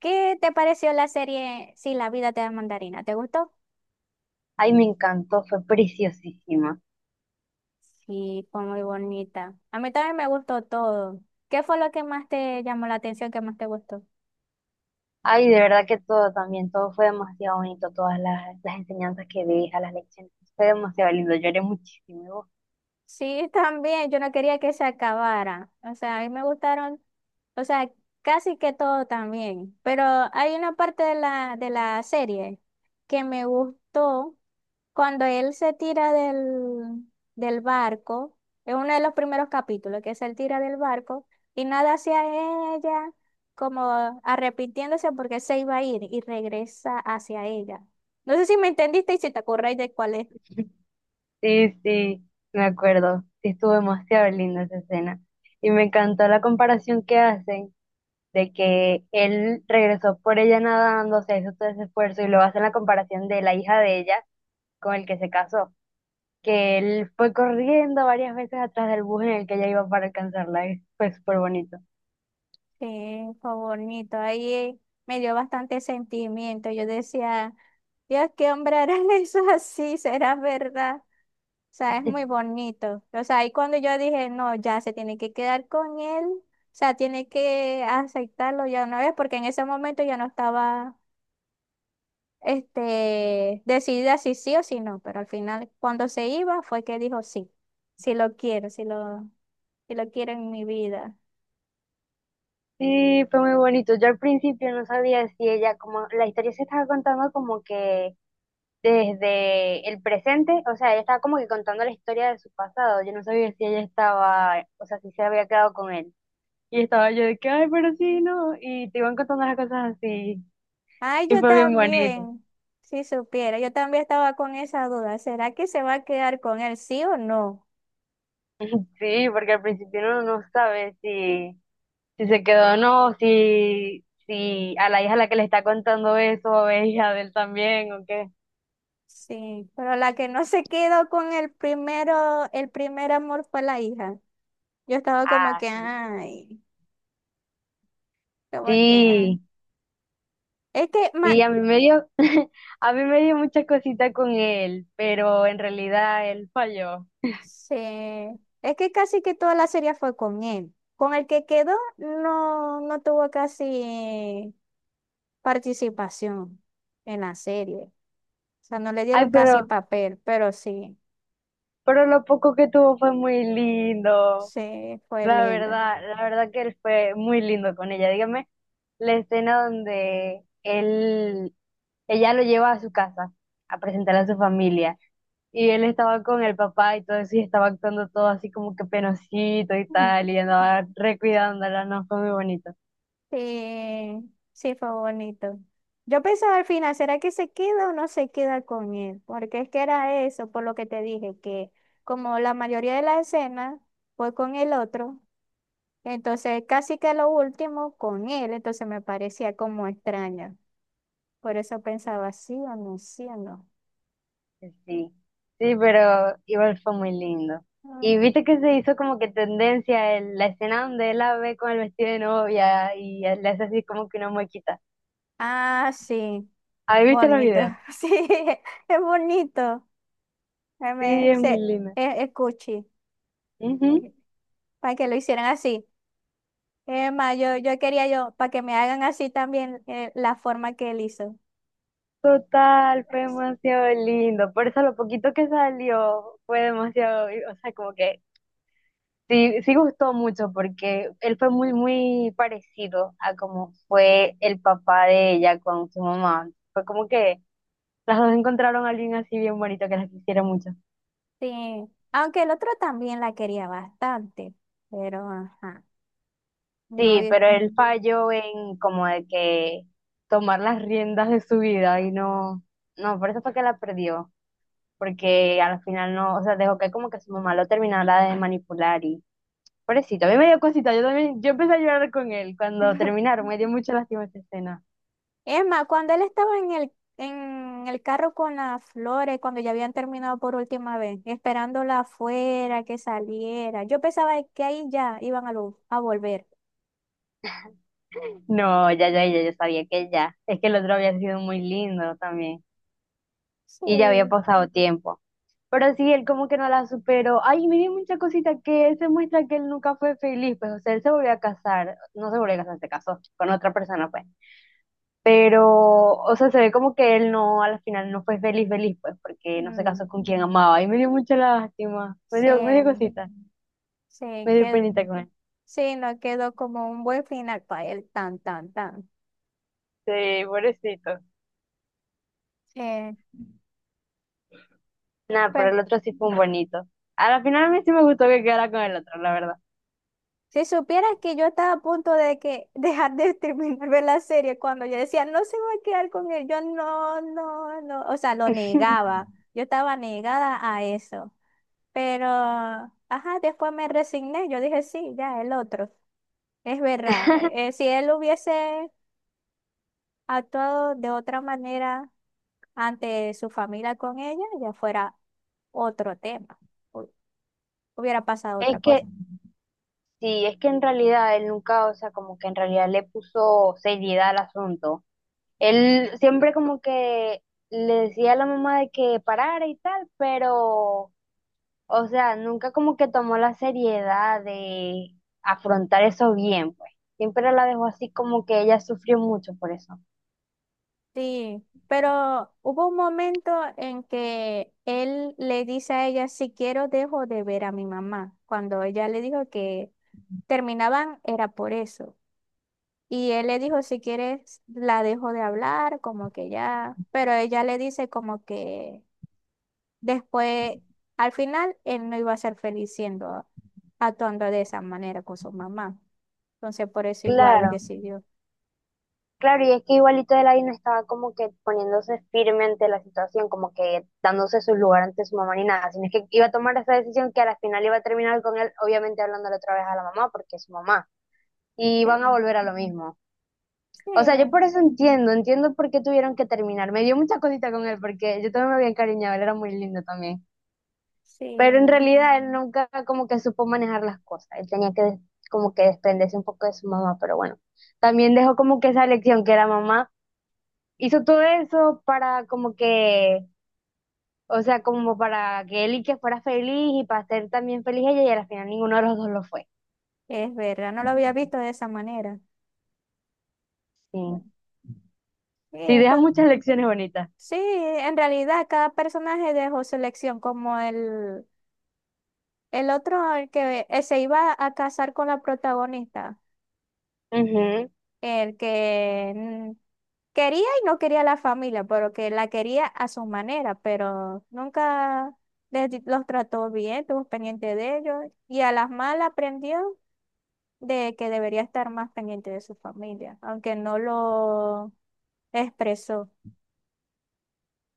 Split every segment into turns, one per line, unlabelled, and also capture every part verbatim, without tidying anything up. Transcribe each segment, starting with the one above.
¿Qué te pareció la serie Si la vida te da mandarina? ¿Te gustó?
Ay, me encantó, fue preciosísima.
Sí, fue muy bonita. A mí también me gustó todo. ¿Qué fue lo que más te llamó la atención, que más te gustó?
Ay, de verdad que todo también, todo fue demasiado bonito, todas las, las enseñanzas que deja, las lecciones, fue demasiado lindo, lloré muchísimo. ¿Y vos?
Sí, también, yo no quería que se acabara. O sea, a mí me gustaron, o sea, casi que todo también. Pero hay una parte de la, de la serie que me gustó cuando él se tira del, del barco. Es uno de los primeros capítulos, que es el tira del barco y nada hacia ella, como arrepintiéndose porque se iba a ir y regresa hacia ella. No sé si me entendiste y si te acordáis de cuál es.
Sí, sí, me acuerdo, sí estuvo demasiado linda esa escena. Y me encantó la comparación que hacen de que él regresó por ella nadando, se hizo todo ese esfuerzo y luego hacen la comparación de la hija de ella con el que se casó, que él fue corriendo varias veces atrás del bus en el que ella iba para alcanzarla, y fue súper bonito.
Sí, fue bonito. Ahí me dio bastante sentimiento. Yo decía, Dios, qué hombre hará eso así, será verdad. O sea, es muy bonito. O sea, ahí cuando yo dije, no, ya se tiene que quedar con él. O sea, tiene que aceptarlo ya una vez, porque en ese momento yo no estaba, este, decidida si sí o si no. Pero al final, cuando se iba, fue que dijo sí, si lo quiero, si lo, si lo quiero en mi vida.
Sí, fue muy bonito. Yo al principio no sabía si ella, como la historia se estaba contando como que desde el presente, o sea, ella estaba como que contando la historia de su pasado. Yo no sabía si ella estaba, o sea, si se había quedado con él. Y estaba yo de que, ay, pero sí, no. Y te iban contando las cosas así.
Ay,
Y
yo
fue bien bonito.
también, si supiera, yo también estaba con esa duda. ¿Será que se va a quedar con él, sí o no?
Sí, porque al principio uno no sabe si, si se quedó o no, si, si a la hija a la que le está contando eso es hija de él también o qué.
Sí, pero la que no se quedó con el primero, el primer amor fue la hija. Yo estaba como
Ah,
que,
sí.
ay, como que, ay.
Sí.
Es que, ma,
Sí, a mí me dio, a mí me dio mucha cosita con él, pero en realidad él falló.
sí, es que casi que toda la serie fue con él. Con el que quedó, no, no tuvo casi participación en la serie. O sea, no le
Ay,
dieron casi
pero,
papel, pero sí.
pero lo poco que tuvo fue muy lindo.
Sí, fue
La
lindo.
verdad, la verdad que él fue muy lindo con ella. Dígame, la escena donde él, ella lo lleva a su casa a presentar a su familia y él estaba con el papá y todo eso y estaba actuando todo así como que penosito y
Ujú.
tal y andaba recuidándola, no, fue muy bonito.
Sí, sí fue bonito. Yo pensaba al final, ¿será que se queda o no se queda con él? Porque es que era eso, por lo que te dije, que como la mayoría de las escenas fue con el otro, entonces casi que lo último con él, entonces me parecía como extraño. Por eso pensaba, sí o no, sí o no.
Sí, sí, sí, pero igual fue muy lindo. Y
Ujú.
viste que se hizo como que tendencia el- la escena donde él la ve con el vestido de novia y le hace así como que una muequita.
Ah, sí,
¿Ahí viste los
bonito,
videos?
sí, es bonito. Eh,
Sí,
me-
es muy
se-
lindo.
es, es cuchi.
Ujú.
Es- para que lo hicieran así. Emma, yo, yo quería yo, para que me hagan así también eh, la forma que él hizo.
Total, fue demasiado lindo. Por eso lo poquito que salió fue demasiado, o sea, como que sí, sí gustó mucho porque él fue muy, muy parecido a como fue el papá de ella con su mamá. Fue como que las dos encontraron a alguien así bien bonito que las quisiera mucho.
Sí, aunque el otro también la quería bastante, pero ajá, no.
Sí,
y-
pero él falló en como de que tomar las riendas de su vida y no, no, por eso fue que la perdió, porque al final no, o sea, dejó que como que su mamá lo terminara de manipular y pobrecito, a mí me dio cosita, yo también, yo empecé a llorar con él cuando terminaron, me dio mucha lástima esa escena.
Es más, cuando él estaba en el, en el carro con las flores, cuando ya habían terminado por última vez, esperándola afuera, que saliera, yo pensaba que ahí ya iban a, lo- a volver.
No, ya, ya, ya, yo sabía que ya. Es que el otro había sido muy lindo también
Sí,
y ya había pasado tiempo. Pero sí, él como que no la superó. Ay, me dio mucha cosita que él se muestra que él nunca fue feliz, pues, o sea, él se volvió a casar, no se volvió a casar, se casó con otra persona, pues. Pero, o sea, se ve como que él no, al final no fue feliz, feliz, pues, porque no se
mm,
casó con quien amaba. Y me dio mucha lástima, me dio, me dio
sí.
cosita,
Sí,
me dio
quedó,
penita con él.
sí, no quedó como un buen final para él, tan, tan, tan.
Sí, pobrecito.
Eh,
Nada, pero
pues,
el otro sí fue un bonito. A la final a mí sí me gustó que quedara con el otro, la verdad.
si supieras que yo estaba a punto de que dejar de terminar ver la serie cuando yo decía, no se va a quedar con él, yo no, no, no, o sea, lo negaba, yo estaba negada a eso, pero, ajá, después me resigné, yo dije, sí, ya, el otro, es verdad, eh, eh, si él hubiese ha actuado de otra manera ante su familia con ella, ya fuera otro tema, hu- hubiera pasado
Es
otra
que,
cosa.
sí, es que en realidad él nunca, o sea, como que en realidad le puso seriedad al asunto. Él siempre como que le decía a la mamá de que parara y tal, pero, o sea, nunca como que tomó la seriedad de afrontar eso bien, pues. Siempre la dejó así como que ella sufrió mucho por eso.
Sí, pero hubo un momento en que él le dice a ella, si quiero dejo de ver a mi mamá, cuando ella le dijo que terminaban era por eso. Y él le dijo, si quieres, la dejo de hablar, como que ya, pero ella le dice como que... Después, al final, él no iba a ser feliz siendo, actuando de esa manera con su mamá. Entonces, por eso igual él
Claro,
decidió.
claro, y es que igualito Elaine estaba como que poniéndose firme ante la situación, como que dándose su lugar ante su mamá ni nada, sino es que iba a tomar esa decisión que a la final iba a terminar con él, obviamente hablándole otra vez a la mamá, porque es su mamá, y van a
Sí,
volver a lo mismo.
sí,
O sea, yo por eso entiendo, entiendo por qué tuvieron que terminar. Me dio mucha cosita con él porque yo también me había encariñado, él era muy lindo también.
sí,
Pero en realidad él nunca como que supo manejar las cosas. Él tenía que des- como que desprenderse un poco de su mamá, pero bueno. También dejó como que esa lección que la mamá hizo todo eso para como que, o sea, como para que él y que fuera feliz y para ser también feliz ella y al final ninguno de los dos lo fue.
es verdad, no lo había visto de esa manera.
Sí.
Bueno, Sí,
Sí, deja
esto-
muchas lecciones bonitas.
sí, en realidad cada personaje dejó su elección, como el, el otro, el que eh, se iba a casar con la protagonista. El que mm, quería y no quería la familia, pero que la quería a su manera, pero nunca les di- los trató bien, estuvo pendiente de ellos y a las malas aprendió de que debería estar más pendiente de su familia, aunque no lo expresó.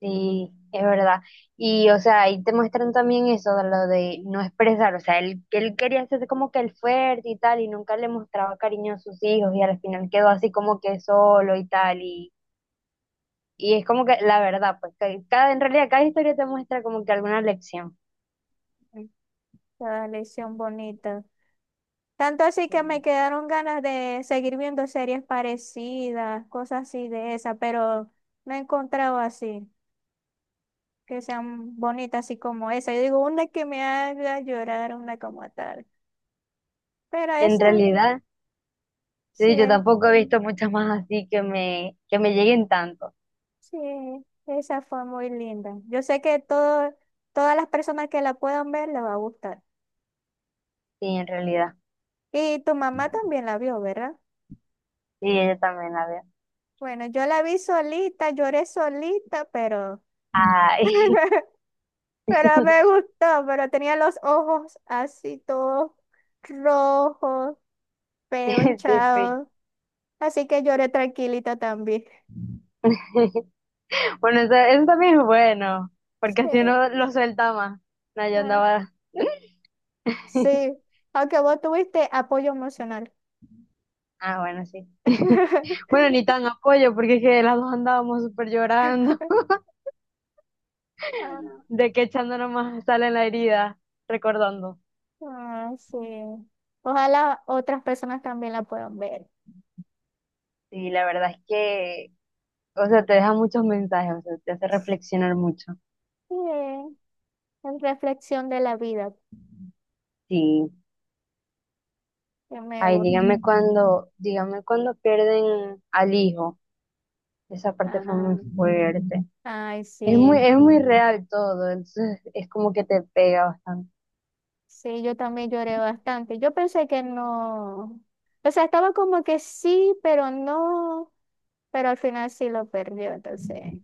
Sí, es verdad. Y, o sea, ahí te muestran también eso de lo de no expresar. O sea, él, que él quería hacerse como que el fuerte y tal, y nunca le mostraba cariño a sus hijos, y al final quedó así como que solo y tal. Y, y es como que la verdad, pues, que cada, en realidad, cada historia te muestra como que alguna lección.
La lección bonita. Tanto así que me
Sí.
quedaron ganas de seguir viendo series parecidas, cosas así de esa, pero no he encontrado así. Que sean bonitas, así como esa. Yo digo una que me haga llorar, una como tal. Pero
En
esa,
realidad,
sí,
sí, yo
es-
tampoco he visto muchas más así que me, que me lleguen tanto.
sí, esa fue muy linda. Yo sé que todo, todas las personas que la puedan ver les va a gustar.
Sí, en realidad.
Y tu mamá también la vio, ¿verdad?
Sí, yo también la veo.
Bueno, yo la vi solita, lloré solita, pero,
Ay,
pero me gustó, pero tenía los ojos así todos rojos, feo,
sí, sí.
hinchado. Así que lloré tranquilita también.
Bueno, eso, eso también es bueno, porque
Sí.
así uno lo suelta más. No, yo
Ah,
andaba.
sí, aunque vos tuviste apoyo emocional.
Ah, bueno, sí. Bueno, ni tan apoyo, porque es que las dos andábamos súper llorando,
Ah,
de que echándonos más sal en la herida, recordando.
ah, sí. Ojalá otras personas también la puedan ver.
Sí, la verdad es que, o sea, te deja muchos mensajes, o sea, te hace reflexionar mucho.
Sí, es reflexión de la vida,
Sí.
que me
Ay,
gusta.
dígame cuando, dígame cuando pierden al hijo. Esa parte fue muy
Ah,
fuerte.
ay,
Es muy,
sí.
es muy real todo, entonces es como que te pega bastante.
Sí, yo también lloré bastante. Yo pensé que no. O sea, estaba como que sí, pero no. Pero al final sí lo perdió, entonces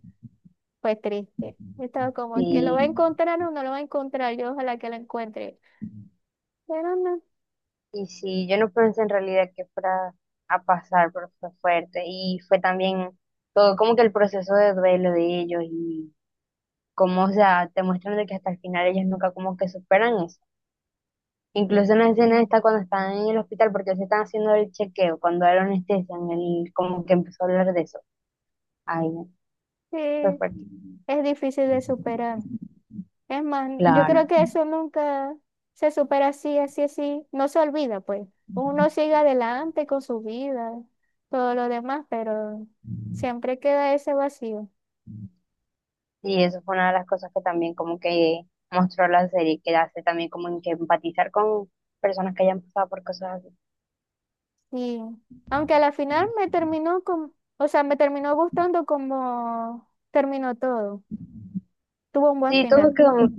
fue triste. Yo estaba como que lo va a
Sí,
encontrar o no lo va a encontrar. Yo ojalá que lo encuentre. Pero no,
y sí, yo no pensé en realidad que fuera a pasar, pero fue fuerte. Y fue también todo como que el proceso de duelo de ellos y cómo, o sea, te muestran de que hasta el final ellos nunca como que superan eso.
sí,
Incluso en la escena esta cuando están en el hospital, porque se están haciendo el chequeo, cuando era anestesia, él como que empezó a hablar de eso. Ay, no,
sí,
fue fuerte.
es difícil de superar. Es más, yo
Claro.
creo que eso nunca se supera así, así, así. No se olvida, pues. Uno sigue adelante con su vida, todo lo demás, pero siempre queda ese vacío.
Y eso fue una de las cosas que también como que mostró la serie, que hace también como que empatizar con personas que hayan pasado por cosas así.
Y aunque a la final me terminó con, o sea, me terminó gustando como terminó todo. Tuvo un buen
Sí, todo
final.
quedó, mu-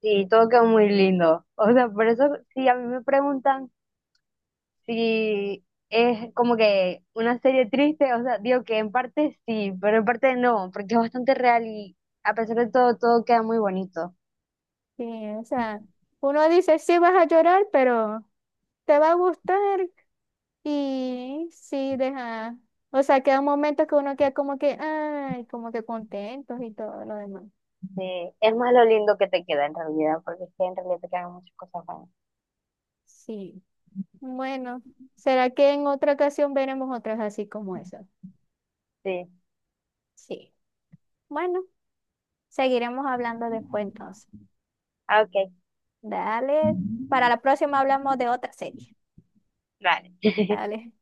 sí, todo quedó muy lindo. O sea, por eso, si a mí me preguntan si es como que una serie triste, o sea, digo que en parte sí, pero en parte no, porque es bastante real y a pesar de todo, todo queda muy bonito.
Sí, o sea, uno dice, sí vas a llorar, pero te va a gustar. Y sí, deja. O sea, queda un momento que uno queda como que, ay, como que contentos y todo lo demás.
Sí, es más lo lindo que te queda en realidad, porque es que en realidad te quedan muchas cosas buenas.
Sí. Bueno, ¿será que en otra ocasión veremos otras así como esas?
Sí,
Sí. Bueno, seguiremos hablando después entonces.
ah, ok,
Dale. Para la próxima hablamos de otra serie.
vale.
Dale.